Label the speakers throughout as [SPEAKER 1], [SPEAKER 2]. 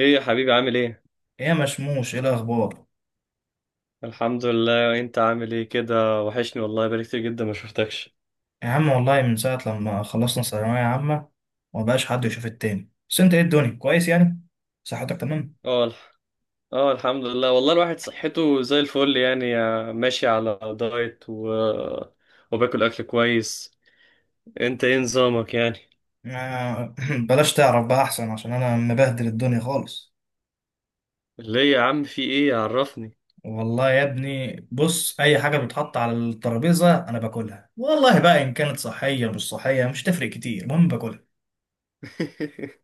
[SPEAKER 1] ايه يا حبيبي عامل ايه؟
[SPEAKER 2] ايه يا مشموش، ايه الاخبار؟
[SPEAKER 1] الحمد لله، انت عامل ايه كده؟ وحشني والله، بقالي كتير جدا ما شفتكش.
[SPEAKER 2] يا عم، والله من ساعه لما خلصنا ثانويه عامه ومبقاش حد يشوف التاني. بس انت ايه؟ الدنيا كويس يعني؟ صحتك تمام؟
[SPEAKER 1] اه الح- اه الحمد لله، والله الواحد صحته زي الفل يعني، ماشي على دايت وباكل اكل كويس. انت ايه نظامك يعني؟
[SPEAKER 2] آه، بلاش تعرف بقى احسن، عشان انا مبهدل الدنيا خالص.
[SPEAKER 1] ليه يا عم، في ايه؟ عرفني.
[SPEAKER 2] والله يا ابني، بص، اي حاجه بتتحط على الترابيزه انا باكلها، والله بقى ان كانت صحيه مش صحيه مش تفرق كتير، المهم باكلها.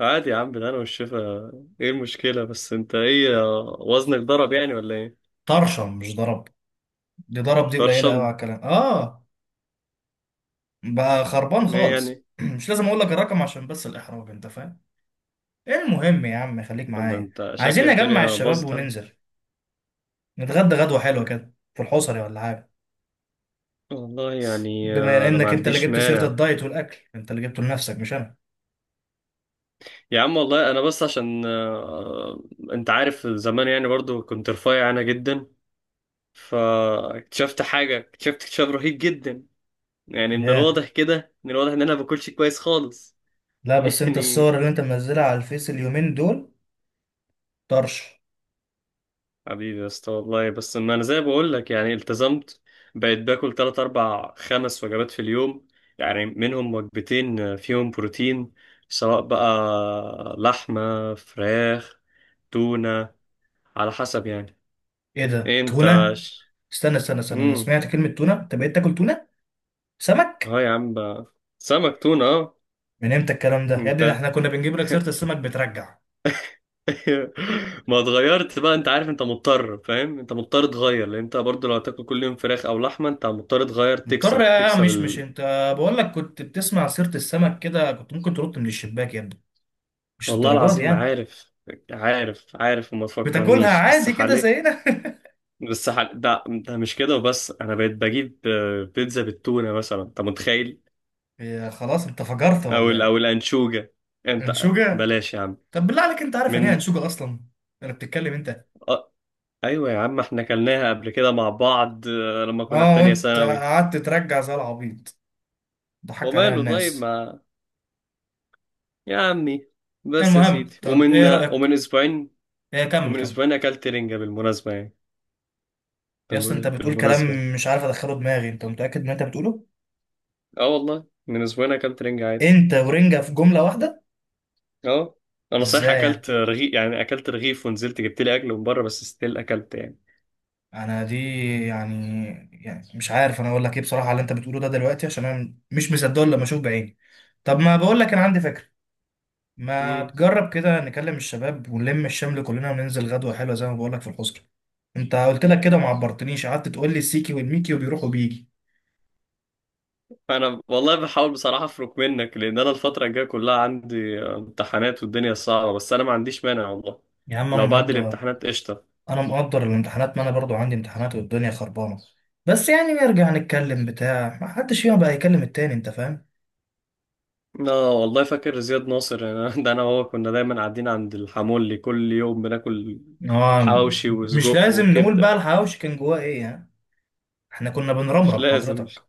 [SPEAKER 1] عادي يا عم، ده انا والشفا. ايه المشكلة؟ بس انت ايه، وزنك ضرب يعني ولا ايه؟
[SPEAKER 2] طرشه، مش ضرب. دي ضرب؟ دي قليله قوي على
[SPEAKER 1] برشم؟
[SPEAKER 2] الكلام، اه. بقى خربان
[SPEAKER 1] ايه
[SPEAKER 2] خالص
[SPEAKER 1] يعني؟
[SPEAKER 2] مش لازم اقول لك الرقم، عشان بس الاحراج، انت فاهم. المهم يا عم، خليك
[SPEAKER 1] طب ده
[SPEAKER 2] معايا.
[SPEAKER 1] انت
[SPEAKER 2] عايزين
[SPEAKER 1] شكل
[SPEAKER 2] نجمع
[SPEAKER 1] الدنيا
[SPEAKER 2] الشباب
[SPEAKER 1] باظت عندك.
[SPEAKER 2] وننزل نتغدى غدوة حلوة كده في الحصري ولا حاجة.
[SPEAKER 1] والله يعني،
[SPEAKER 2] بما
[SPEAKER 1] انا ما
[SPEAKER 2] انك انت اللي
[SPEAKER 1] عنديش
[SPEAKER 2] جبت سيرة
[SPEAKER 1] مانع.
[SPEAKER 2] الدايت والاكل، انت اللي جبته لنفسك مش انا.
[SPEAKER 1] يا عم والله، انا بس عشان انت عارف زمان يعني، برضو كنت رفيع انا جدا. فاكتشفت حاجه اكتشفت اكتشاف رهيب جدا، يعني من
[SPEAKER 2] ياه!
[SPEAKER 1] الواضح كده، من الواضح ان انا ما باكلش كويس خالص.
[SPEAKER 2] لا بس انت
[SPEAKER 1] يعني
[SPEAKER 2] الصور اللي انت منزلها على الفيس اليومين دول. طرش.
[SPEAKER 1] حبيبي يا اسطى، والله بس ما انا زي ما بقول لك يعني التزمت، بقيت باكل 3 4 5 وجبات في اليوم، يعني منهم وجبتين فيهم بروتين، سواء بقى لحمه، فراخ، تونه، على حسب يعني.
[SPEAKER 2] ايه ده،
[SPEAKER 1] إيه انت؟
[SPEAKER 2] تونة؟ استنى استنى استنى، انا
[SPEAKER 1] امم.
[SPEAKER 2] سمعت كلمة تونة، انت بقيت تاكل تونة؟ سمك؟
[SPEAKER 1] اه يا عم بقى. سمك تونة، اه.
[SPEAKER 2] من امتى الكلام ده يا
[SPEAKER 1] انت
[SPEAKER 2] ابني؟ ده احنا كنا بنجيب لك سيرة السمك بترجع.
[SPEAKER 1] ما اتغيرت بقى. انت عارف انت مضطر، فاهم؟ انت مضطر تغير، لان انت برضو لو هتاكل كل يوم فراخ او لحمة انت مضطر تغير،
[SPEAKER 2] مضطر
[SPEAKER 1] تكسر
[SPEAKER 2] يا،
[SPEAKER 1] تكسر
[SPEAKER 2] مش
[SPEAKER 1] ال...
[SPEAKER 2] انت. بقول لك كنت بتسمع سيرة السمك كده، كنت ممكن ترد من الشباك يا ابني، مش
[SPEAKER 1] والله
[SPEAKER 2] الدرجات
[SPEAKER 1] العظيم
[SPEAKER 2] يعني.
[SPEAKER 1] عارف. عارف وما
[SPEAKER 2] بتاكلها
[SPEAKER 1] تفكرنيش. بس
[SPEAKER 2] عادي كده
[SPEAKER 1] حالي
[SPEAKER 2] زينا؟
[SPEAKER 1] بس حالي ده مش كده وبس. انا بقيت بجيب بيتزا بالتونة مثلا، انت متخيل؟
[SPEAKER 2] هي خلاص انت فجرت ولا ايه؟
[SPEAKER 1] او الانشوجة. انت
[SPEAKER 2] انشوجة؟
[SPEAKER 1] بلاش يا عم.
[SPEAKER 2] طب بالله عليك، انت عارف يعني ايه
[SPEAKER 1] من.
[SPEAKER 2] انشوجة اصلا؟ انا بتتكلم انت.
[SPEAKER 1] آه. ايوه يا عم، احنا كلناها قبل كده مع بعض، لما كنا في
[SPEAKER 2] اه،
[SPEAKER 1] تانية
[SPEAKER 2] وانت
[SPEAKER 1] ثانوي.
[SPEAKER 2] قعدت ترجع زي العبيط، ضحكت عليها
[SPEAKER 1] وماله؟ طيب
[SPEAKER 2] الناس.
[SPEAKER 1] ما. يا عمي، بس يا
[SPEAKER 2] المهم،
[SPEAKER 1] سيدي.
[SPEAKER 2] طب
[SPEAKER 1] ومن
[SPEAKER 2] ايه رأيك؟
[SPEAKER 1] ومن اسبوعين،
[SPEAKER 2] ايه، كمل
[SPEAKER 1] ومن
[SPEAKER 2] كمل.
[SPEAKER 1] اسبوعين اكلت رنجة بالمناسبة يعني.
[SPEAKER 2] يا اسطى انت بتقول
[SPEAKER 1] بالمناسبة يعني.
[SPEAKER 2] كلام مش عارف ادخله دماغي، انت متأكد من اللي انت بتقوله؟
[SPEAKER 1] اه والله، من اسبوعين اكلت رنجة عادي،
[SPEAKER 2] انت ورنجة في جملة واحدة؟
[SPEAKER 1] اه. انا صحيح
[SPEAKER 2] ازاي يعني؟
[SPEAKER 1] اكلت رغيف يعني، اكلت رغيف ونزلت جبت لي اكل من بره، بس ستيل اكلت يعني.
[SPEAKER 2] انا دي، يعني، يعني مش عارف انا اقول لك ايه بصراحة على اللي انت بتقوله ده دلوقتي، عشان انا مش مصدقه الا لما اشوف بعيني. طب ما بقول لك، انا عندي فكرة. ما
[SPEAKER 1] امم.
[SPEAKER 2] تجرب كده نكلم الشباب ونلم الشمل كلنا وننزل غدوة حلوة زي ما بقولك في الحسكة. انت قلت لك كده ما عبرتنيش، قعدت تقول لي السيكي والميكي وبيروح وبيجي.
[SPEAKER 1] انا والله بحاول بصراحة افرك منك، لان انا الفترة الجاية كلها عندي امتحانات والدنيا صعبة، بس انا ما عنديش مانع والله.
[SPEAKER 2] يا عم انا
[SPEAKER 1] لو بعد
[SPEAKER 2] مقدر،
[SPEAKER 1] الامتحانات قشطة.
[SPEAKER 2] انا مقدر الامتحانات، ما انا برضو عندي امتحانات والدنيا خربانة. بس يعني نرجع نتكلم بتاع، ما حدش فينا بقى يكلم التاني، انت فاهم.
[SPEAKER 1] لا والله، فاكر زياد ناصر يعني؟ ده انا وهو كنا دايما قاعدين عند الحمولي كل يوم بناكل
[SPEAKER 2] اه،
[SPEAKER 1] حواوشي
[SPEAKER 2] مش
[SPEAKER 1] وسجق
[SPEAKER 2] لازم نقول بقى
[SPEAKER 1] وكبده.
[SPEAKER 2] الحواوشي كان جواه ايه يعني. احنا كنا
[SPEAKER 1] مش
[SPEAKER 2] بنرمرم
[SPEAKER 1] لازم مش
[SPEAKER 2] حضرتك.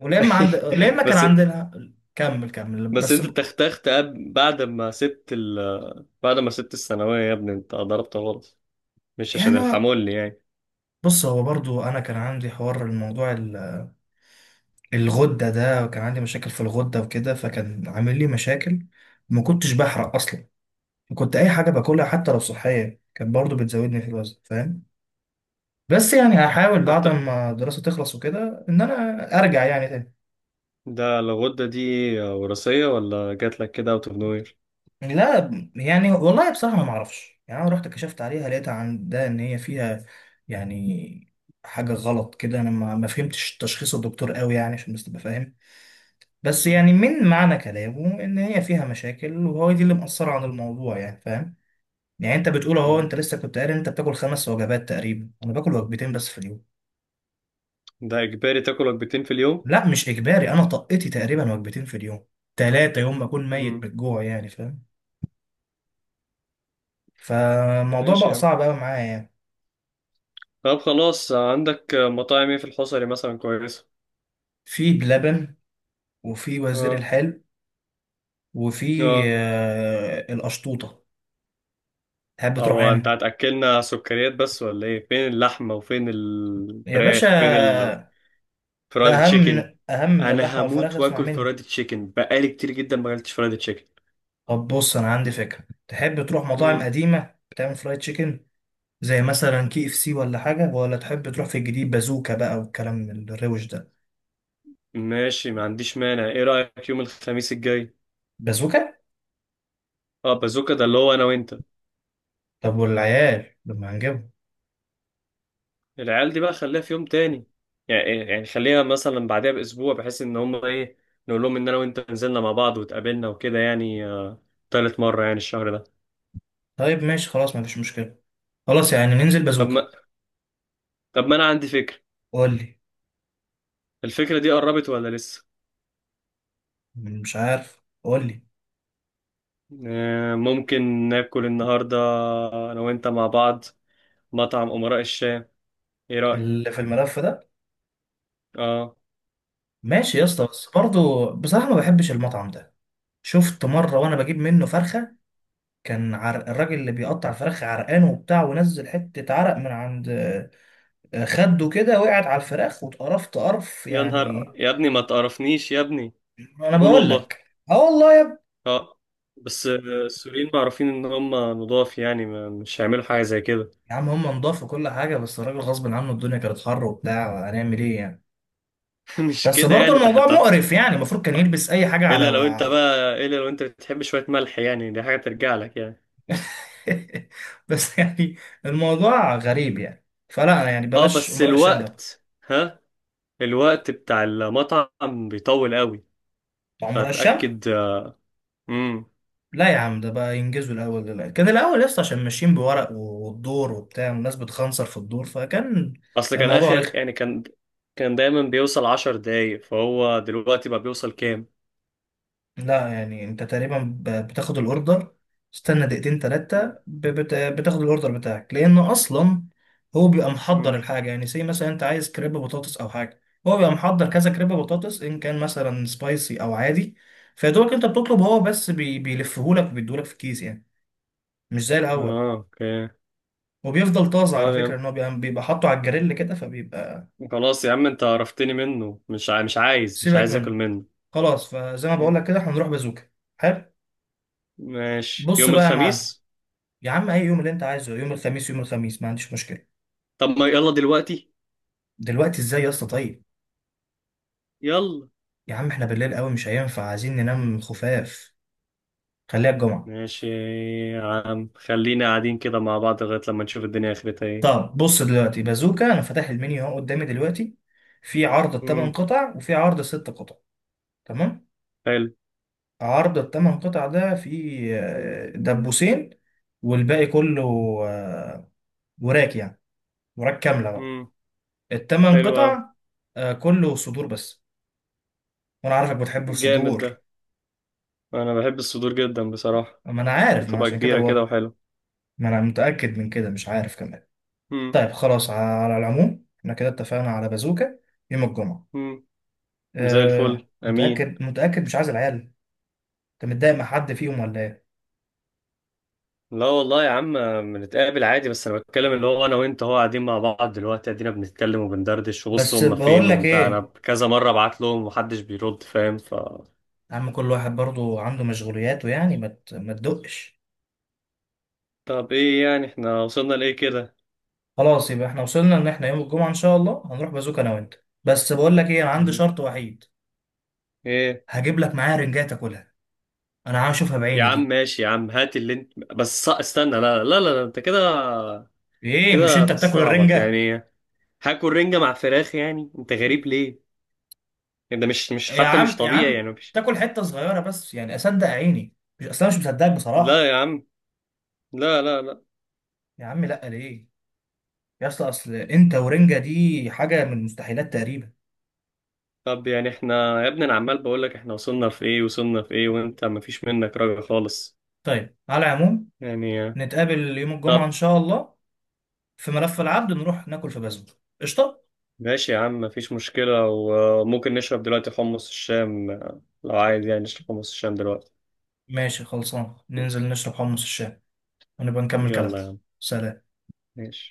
[SPEAKER 2] ولما عند لما كان
[SPEAKER 1] بس.
[SPEAKER 2] عندنا، كمل كمل،
[SPEAKER 1] بس
[SPEAKER 2] بس
[SPEAKER 1] انت تختخت بعد ما سبت الثانويه يا ابني، انت ضربت غلط، مش عشان
[SPEAKER 2] يعني
[SPEAKER 1] الحمولي يعني.
[SPEAKER 2] بص، هو برضو انا كان عندي حوار، الموضوع الغدة ده، وكان عندي مشاكل في الغدة وكده، فكان عامل لي مشاكل. ما كنتش بحرق اصلا، كنت اي حاجة باكلها حتى لو صحية كانت برضو بتزودني في الوزن، فاهم. بس يعني هحاول بعد
[SPEAKER 1] حتى.
[SPEAKER 2] ما الدراسة تخلص وكده ان انا ارجع يعني تاني.
[SPEAKER 1] ده الغده دي وراثيه ولا جات لك كده اوت اوف نوير؟
[SPEAKER 2] لا يعني، والله بصراحة ما معرفش، يعني انا رحت كشفت عليها، لقيتها عندها ان هي فيها يعني حاجة غلط كده، انا ما فهمتش تشخيص الدكتور قوي، يعني عشان بس تبقى فاهم. بس يعني من معنى كلامه ان هي فيها مشاكل، وهو دي اللي مأثرة عن الموضوع يعني، فاهم. يعني انت بتقول اهو،
[SPEAKER 1] اه،
[SPEAKER 2] انت لسه كنت قاري إن انت بتاكل 5 وجبات تقريبا، انا باكل وجبتين بس في اليوم.
[SPEAKER 1] ده اجباري تاكل وجبتين في اليوم؟
[SPEAKER 2] لا مش اجباري، انا طقتي تقريبا وجبتين في اليوم، تلاتة يوم ما اكون ميت
[SPEAKER 1] مم.
[SPEAKER 2] بالجوع يعني، فاهم. فالموضوع
[SPEAKER 1] ماشي
[SPEAKER 2] بقى
[SPEAKER 1] يا عم.
[SPEAKER 2] صعب قوي معايا يعني.
[SPEAKER 1] طب خلاص، عندك مطاعم ايه في الحصري مثلا كويسه؟
[SPEAKER 2] في بلبن، وفي وزير
[SPEAKER 1] اه.
[SPEAKER 2] الحلو، وفي
[SPEAKER 1] اه.
[SPEAKER 2] القشطوطة. تحب تروح
[SPEAKER 1] هو انت
[SPEAKER 2] يعني؟
[SPEAKER 1] هتاكلنا سكريات بس ولا ايه؟ فين اللحمه وفين
[SPEAKER 2] يا
[SPEAKER 1] الفراخ؟ فين
[SPEAKER 2] باشا، ده
[SPEAKER 1] الفرايد
[SPEAKER 2] اهم
[SPEAKER 1] تشيكن؟
[SPEAKER 2] اهم من
[SPEAKER 1] انا
[SPEAKER 2] اللحمة والفراخ،
[SPEAKER 1] هموت
[SPEAKER 2] اسمع
[SPEAKER 1] واكل
[SPEAKER 2] مني.
[SPEAKER 1] فرايد تشيكن، بقالي كتير جدا ما اكلتش فرايد تشيكن.
[SPEAKER 2] طب بص، انا عندي فكره، تحب تروح مطاعم
[SPEAKER 1] مم.
[SPEAKER 2] قديمه بتعمل فرايد تشيكن زي مثلا KFC ولا حاجه، ولا تحب تروح في الجديد بازوكا بقى والكلام الروش ده؟
[SPEAKER 1] ماشي ما عنديش مانع، ايه رايك يوم الخميس الجاي؟
[SPEAKER 2] بازوكا.
[SPEAKER 1] اه، بازوكا ده اللي هو انا وانت.
[SPEAKER 2] طب والعيال لما هنجيبهم؟
[SPEAKER 1] العيال دي بقى خليها في يوم تاني، يعني خليها مثلا بعدها باسبوع، بحيث ان هم ايه، نقول لهم ان انا وانت نزلنا مع بعض واتقابلنا وكده يعني، تالت مره يعني الشهر ده.
[SPEAKER 2] طيب ماشي، خلاص مفيش مشكله، خلاص يعني ننزل
[SPEAKER 1] طب ما
[SPEAKER 2] بازوكا.
[SPEAKER 1] طب ما انا عندي فكره.
[SPEAKER 2] قول لي.
[SPEAKER 1] الفكرة دي قربت ولا لسه؟
[SPEAKER 2] مش عارف، قول لي.
[SPEAKER 1] ممكن ناكل النهاردة أنا وأنت مع بعض مطعم أمراء الشام، إيه رأيك؟
[SPEAKER 2] اللي في الملف ده؟
[SPEAKER 1] آه.
[SPEAKER 2] ماشي يا اسطى، بس برضه بصراحه ما بحبش المطعم ده. شفت مره وانا بجيب منه فرخه، كان عرق الراجل اللي بيقطع الفراخ عرقان وبتاع، ونزل حته عرق من عند خده كده، وقعت على الفراخ واتقرفت قرف
[SPEAKER 1] يا نهار
[SPEAKER 2] يعني.
[SPEAKER 1] يا ابني، ما تقرفنيش يا ابني.
[SPEAKER 2] انا
[SPEAKER 1] قول
[SPEAKER 2] بقول
[SPEAKER 1] والله.
[SPEAKER 2] لك. اه والله يا ابني.
[SPEAKER 1] آه. بس السوريين معروفين إن هم نضاف، يعني ما مش هيعملوا حاجة زي كده.
[SPEAKER 2] يا عم هم نضاف وكل حاجه، بس الراجل غصب عنه، الدنيا كانت حر وبتاع، هنعمل ايه يعني.
[SPEAKER 1] مش
[SPEAKER 2] بس
[SPEAKER 1] كده
[SPEAKER 2] برضه
[SPEAKER 1] يعني،
[SPEAKER 2] الموضوع
[SPEAKER 1] تحت؟
[SPEAKER 2] مقرف يعني، المفروض كان يلبس اي حاجه على
[SPEAKER 1] إلا لو أنت بتحب شوية ملح، يعني دي حاجة ترجع لك يعني.
[SPEAKER 2] بس يعني الموضوع غريب يعني، فلا يعني
[SPEAKER 1] آه،
[SPEAKER 2] بلاش
[SPEAKER 1] بس
[SPEAKER 2] امراء الشام ده.
[SPEAKER 1] الوقت بتاع المطعم بيطول قوي،
[SPEAKER 2] بتاع امراء الشام.
[SPEAKER 1] فتأكد. امم.
[SPEAKER 2] لا يا عم، ده بقى ينجزوا الاول دلوقتي، كان الاول لسه عشان ماشيين بورق والدور وبتاع، والناس بتخنصر في الدور، فكان
[SPEAKER 1] اصل كان
[SPEAKER 2] الموضوع
[SPEAKER 1] اخر
[SPEAKER 2] رخم.
[SPEAKER 1] يعني كان دايما بيوصل 10 دقايق، فهو دلوقتي بقى بيوصل كام؟
[SPEAKER 2] لا يعني، انت تقريبا بتاخد الاوردر، استنى دقيقتين تلاتة
[SPEAKER 1] مم.
[SPEAKER 2] بتاخد الاوردر بتاعك، لانه اصلا هو بيبقى محضر
[SPEAKER 1] مم.
[SPEAKER 2] الحاجة، يعني زي مثلا انت عايز كريب بطاطس او حاجة، هو بيبقى محضر كذا كريب بطاطس ان كان مثلا سبايسي او عادي، فيدوبك انت بتطلب، هو بس بيلفهولك وبيديهولك في الكيس يعني، مش زي الاول.
[SPEAKER 1] اه، اوكي.
[SPEAKER 2] وبيفضل طازة
[SPEAKER 1] طب
[SPEAKER 2] على
[SPEAKER 1] يا
[SPEAKER 2] فكرة،
[SPEAKER 1] عم،
[SPEAKER 2] ان هو بيبقى حاطه على الجريل كده فبيبقى.
[SPEAKER 1] خلاص يا عم، انت عرفتني منه، مش عايز مش
[SPEAKER 2] سيبك
[SPEAKER 1] عايز اكل
[SPEAKER 2] منه،
[SPEAKER 1] منه.
[SPEAKER 2] خلاص، فزي ما بقول لك كده احنا هنروح بازوكا. حلو.
[SPEAKER 1] ماشي
[SPEAKER 2] بص
[SPEAKER 1] يوم
[SPEAKER 2] بقى يا معلم،
[SPEAKER 1] الخميس.
[SPEAKER 2] يا عم اي يوم اللي انت عايزه، يوم الخميس، يوم الخميس ما عنديش مشكله.
[SPEAKER 1] طب ما يلا دلوقتي.
[SPEAKER 2] دلوقتي ازاي يا اسطى؟ طيب،
[SPEAKER 1] يلا.
[SPEAKER 2] يا عم احنا بالليل قوي مش هينفع، عايزين ننام خفاف، خليها الجمعه.
[SPEAKER 1] ماشي يا عم، خلينا قاعدين كده مع بعض لغاية لما نشوف الدنيا اخرتها ايه.
[SPEAKER 2] طب بص دلوقتي بازوكا، انا فاتح المنيو اهو قدامي دلوقتي، في عرض الثمان
[SPEAKER 1] مم.
[SPEAKER 2] قطع وفي عرض الـ6 قطع. تمام.
[SPEAKER 1] حلو.
[SPEAKER 2] عرض الثمان قطع ده فيه دبوسين، والباقي كله، آه، وراك يعني، وراك كامله بقى
[SPEAKER 1] مم.
[SPEAKER 2] الثمان
[SPEAKER 1] حلو أوي.
[SPEAKER 2] قطع آه، كله صدور بس، وانا عارفك بتحب
[SPEAKER 1] جامد ده،
[SPEAKER 2] الصدور.
[SPEAKER 1] انا بحب الصدور جدا بصراحة،
[SPEAKER 2] ما انا عارف، ما
[SPEAKER 1] بتبقى
[SPEAKER 2] عشان كده
[SPEAKER 1] كبيرة كده
[SPEAKER 2] بقول.
[SPEAKER 1] وحلو.
[SPEAKER 2] ما انا متأكد من كده، مش عارف كمان. طيب خلاص، على العموم احنا كده اتفقنا على بازوكا يوم الجمعة.
[SPEAKER 1] امم. زي الفل،
[SPEAKER 2] أه،
[SPEAKER 1] امين.
[SPEAKER 2] متأكد؟ متأكد مش عايز العيال؟ انت متضايق مع حد فيهم ولا ايه؟
[SPEAKER 1] لا والله يا عم، بنتقابل عادي، بس انا بتكلم اللي هو انا وانت هو قاعدين مع بعض دلوقتي، ادينا بنتكلم وبندردش، وبص
[SPEAKER 2] بس
[SPEAKER 1] هم
[SPEAKER 2] بقول
[SPEAKER 1] فين؟
[SPEAKER 2] لك
[SPEAKER 1] وانت انا
[SPEAKER 2] ايه،
[SPEAKER 1] كذا مره بعت لهم ومحدش بيرد، فاهم؟
[SPEAKER 2] يا عم كل واحد برضو عنده مشغولياته يعني، ما تدقش.
[SPEAKER 1] طب ايه يعني، احنا وصلنا لايه كده؟
[SPEAKER 2] خلاص يبقى احنا وصلنا ان احنا يوم الجمعة ان شاء الله هنروح بازوكا انا وانت، بس بقول لك ايه، انا عندي
[SPEAKER 1] امين.
[SPEAKER 2] شرط وحيد.
[SPEAKER 1] ايه؟
[SPEAKER 2] هجيب لك معايا رنجات تاكلها، انا عايز اشوفها
[SPEAKER 1] يا
[SPEAKER 2] بعيني
[SPEAKER 1] عم
[SPEAKER 2] دي.
[SPEAKER 1] ماشي يا عم، هات اللي انت، بس استنى، لا لا لا، لا انت كده
[SPEAKER 2] ايه، مش
[SPEAKER 1] كده
[SPEAKER 2] انت بتاكل
[SPEAKER 1] بتستعبط
[SPEAKER 2] الرنجة؟
[SPEAKER 1] يعني؟ هاكل رنجه مع فراخ يعني، انت غريب ليه؟ ده مش
[SPEAKER 2] يا
[SPEAKER 1] حتى مش
[SPEAKER 2] عم يا
[SPEAKER 1] طبيعي
[SPEAKER 2] عم،
[SPEAKER 1] يعني مش
[SPEAKER 2] تاكل حته صغيره بس يعني اصدق عيني، مش اصلا مش مصدقك بصراحه.
[SPEAKER 1] لا يا عم، لا لا لا.
[SPEAKER 2] يا عم لا، ليه؟ يا اسطى، اصل انت ورنجه دي حاجه من المستحيلات تقريبا.
[SPEAKER 1] طب يعني احنا يا ابني، انا عمال بقول لك احنا وصلنا في ايه، وصلنا في ايه، وانت مفيش منك رجع خالص
[SPEAKER 2] طيب على العموم
[SPEAKER 1] يعني.
[SPEAKER 2] نتقابل يوم الجمعه ان
[SPEAKER 1] طب
[SPEAKER 2] شاء الله، في ملف العبد نروح ناكل في بازل. قشطه.
[SPEAKER 1] ماشي يا عم، مفيش مشكلة، وممكن نشرب دلوقتي حمص الشام، لو عايز يعني نشرب حمص الشام دلوقتي.
[SPEAKER 2] ماشي خلصان ننزل نشرب حمص الشام، ونبقى نكمل كلامنا.
[SPEAKER 1] يلا يا عم.
[SPEAKER 2] سلام.
[SPEAKER 1] ماشي.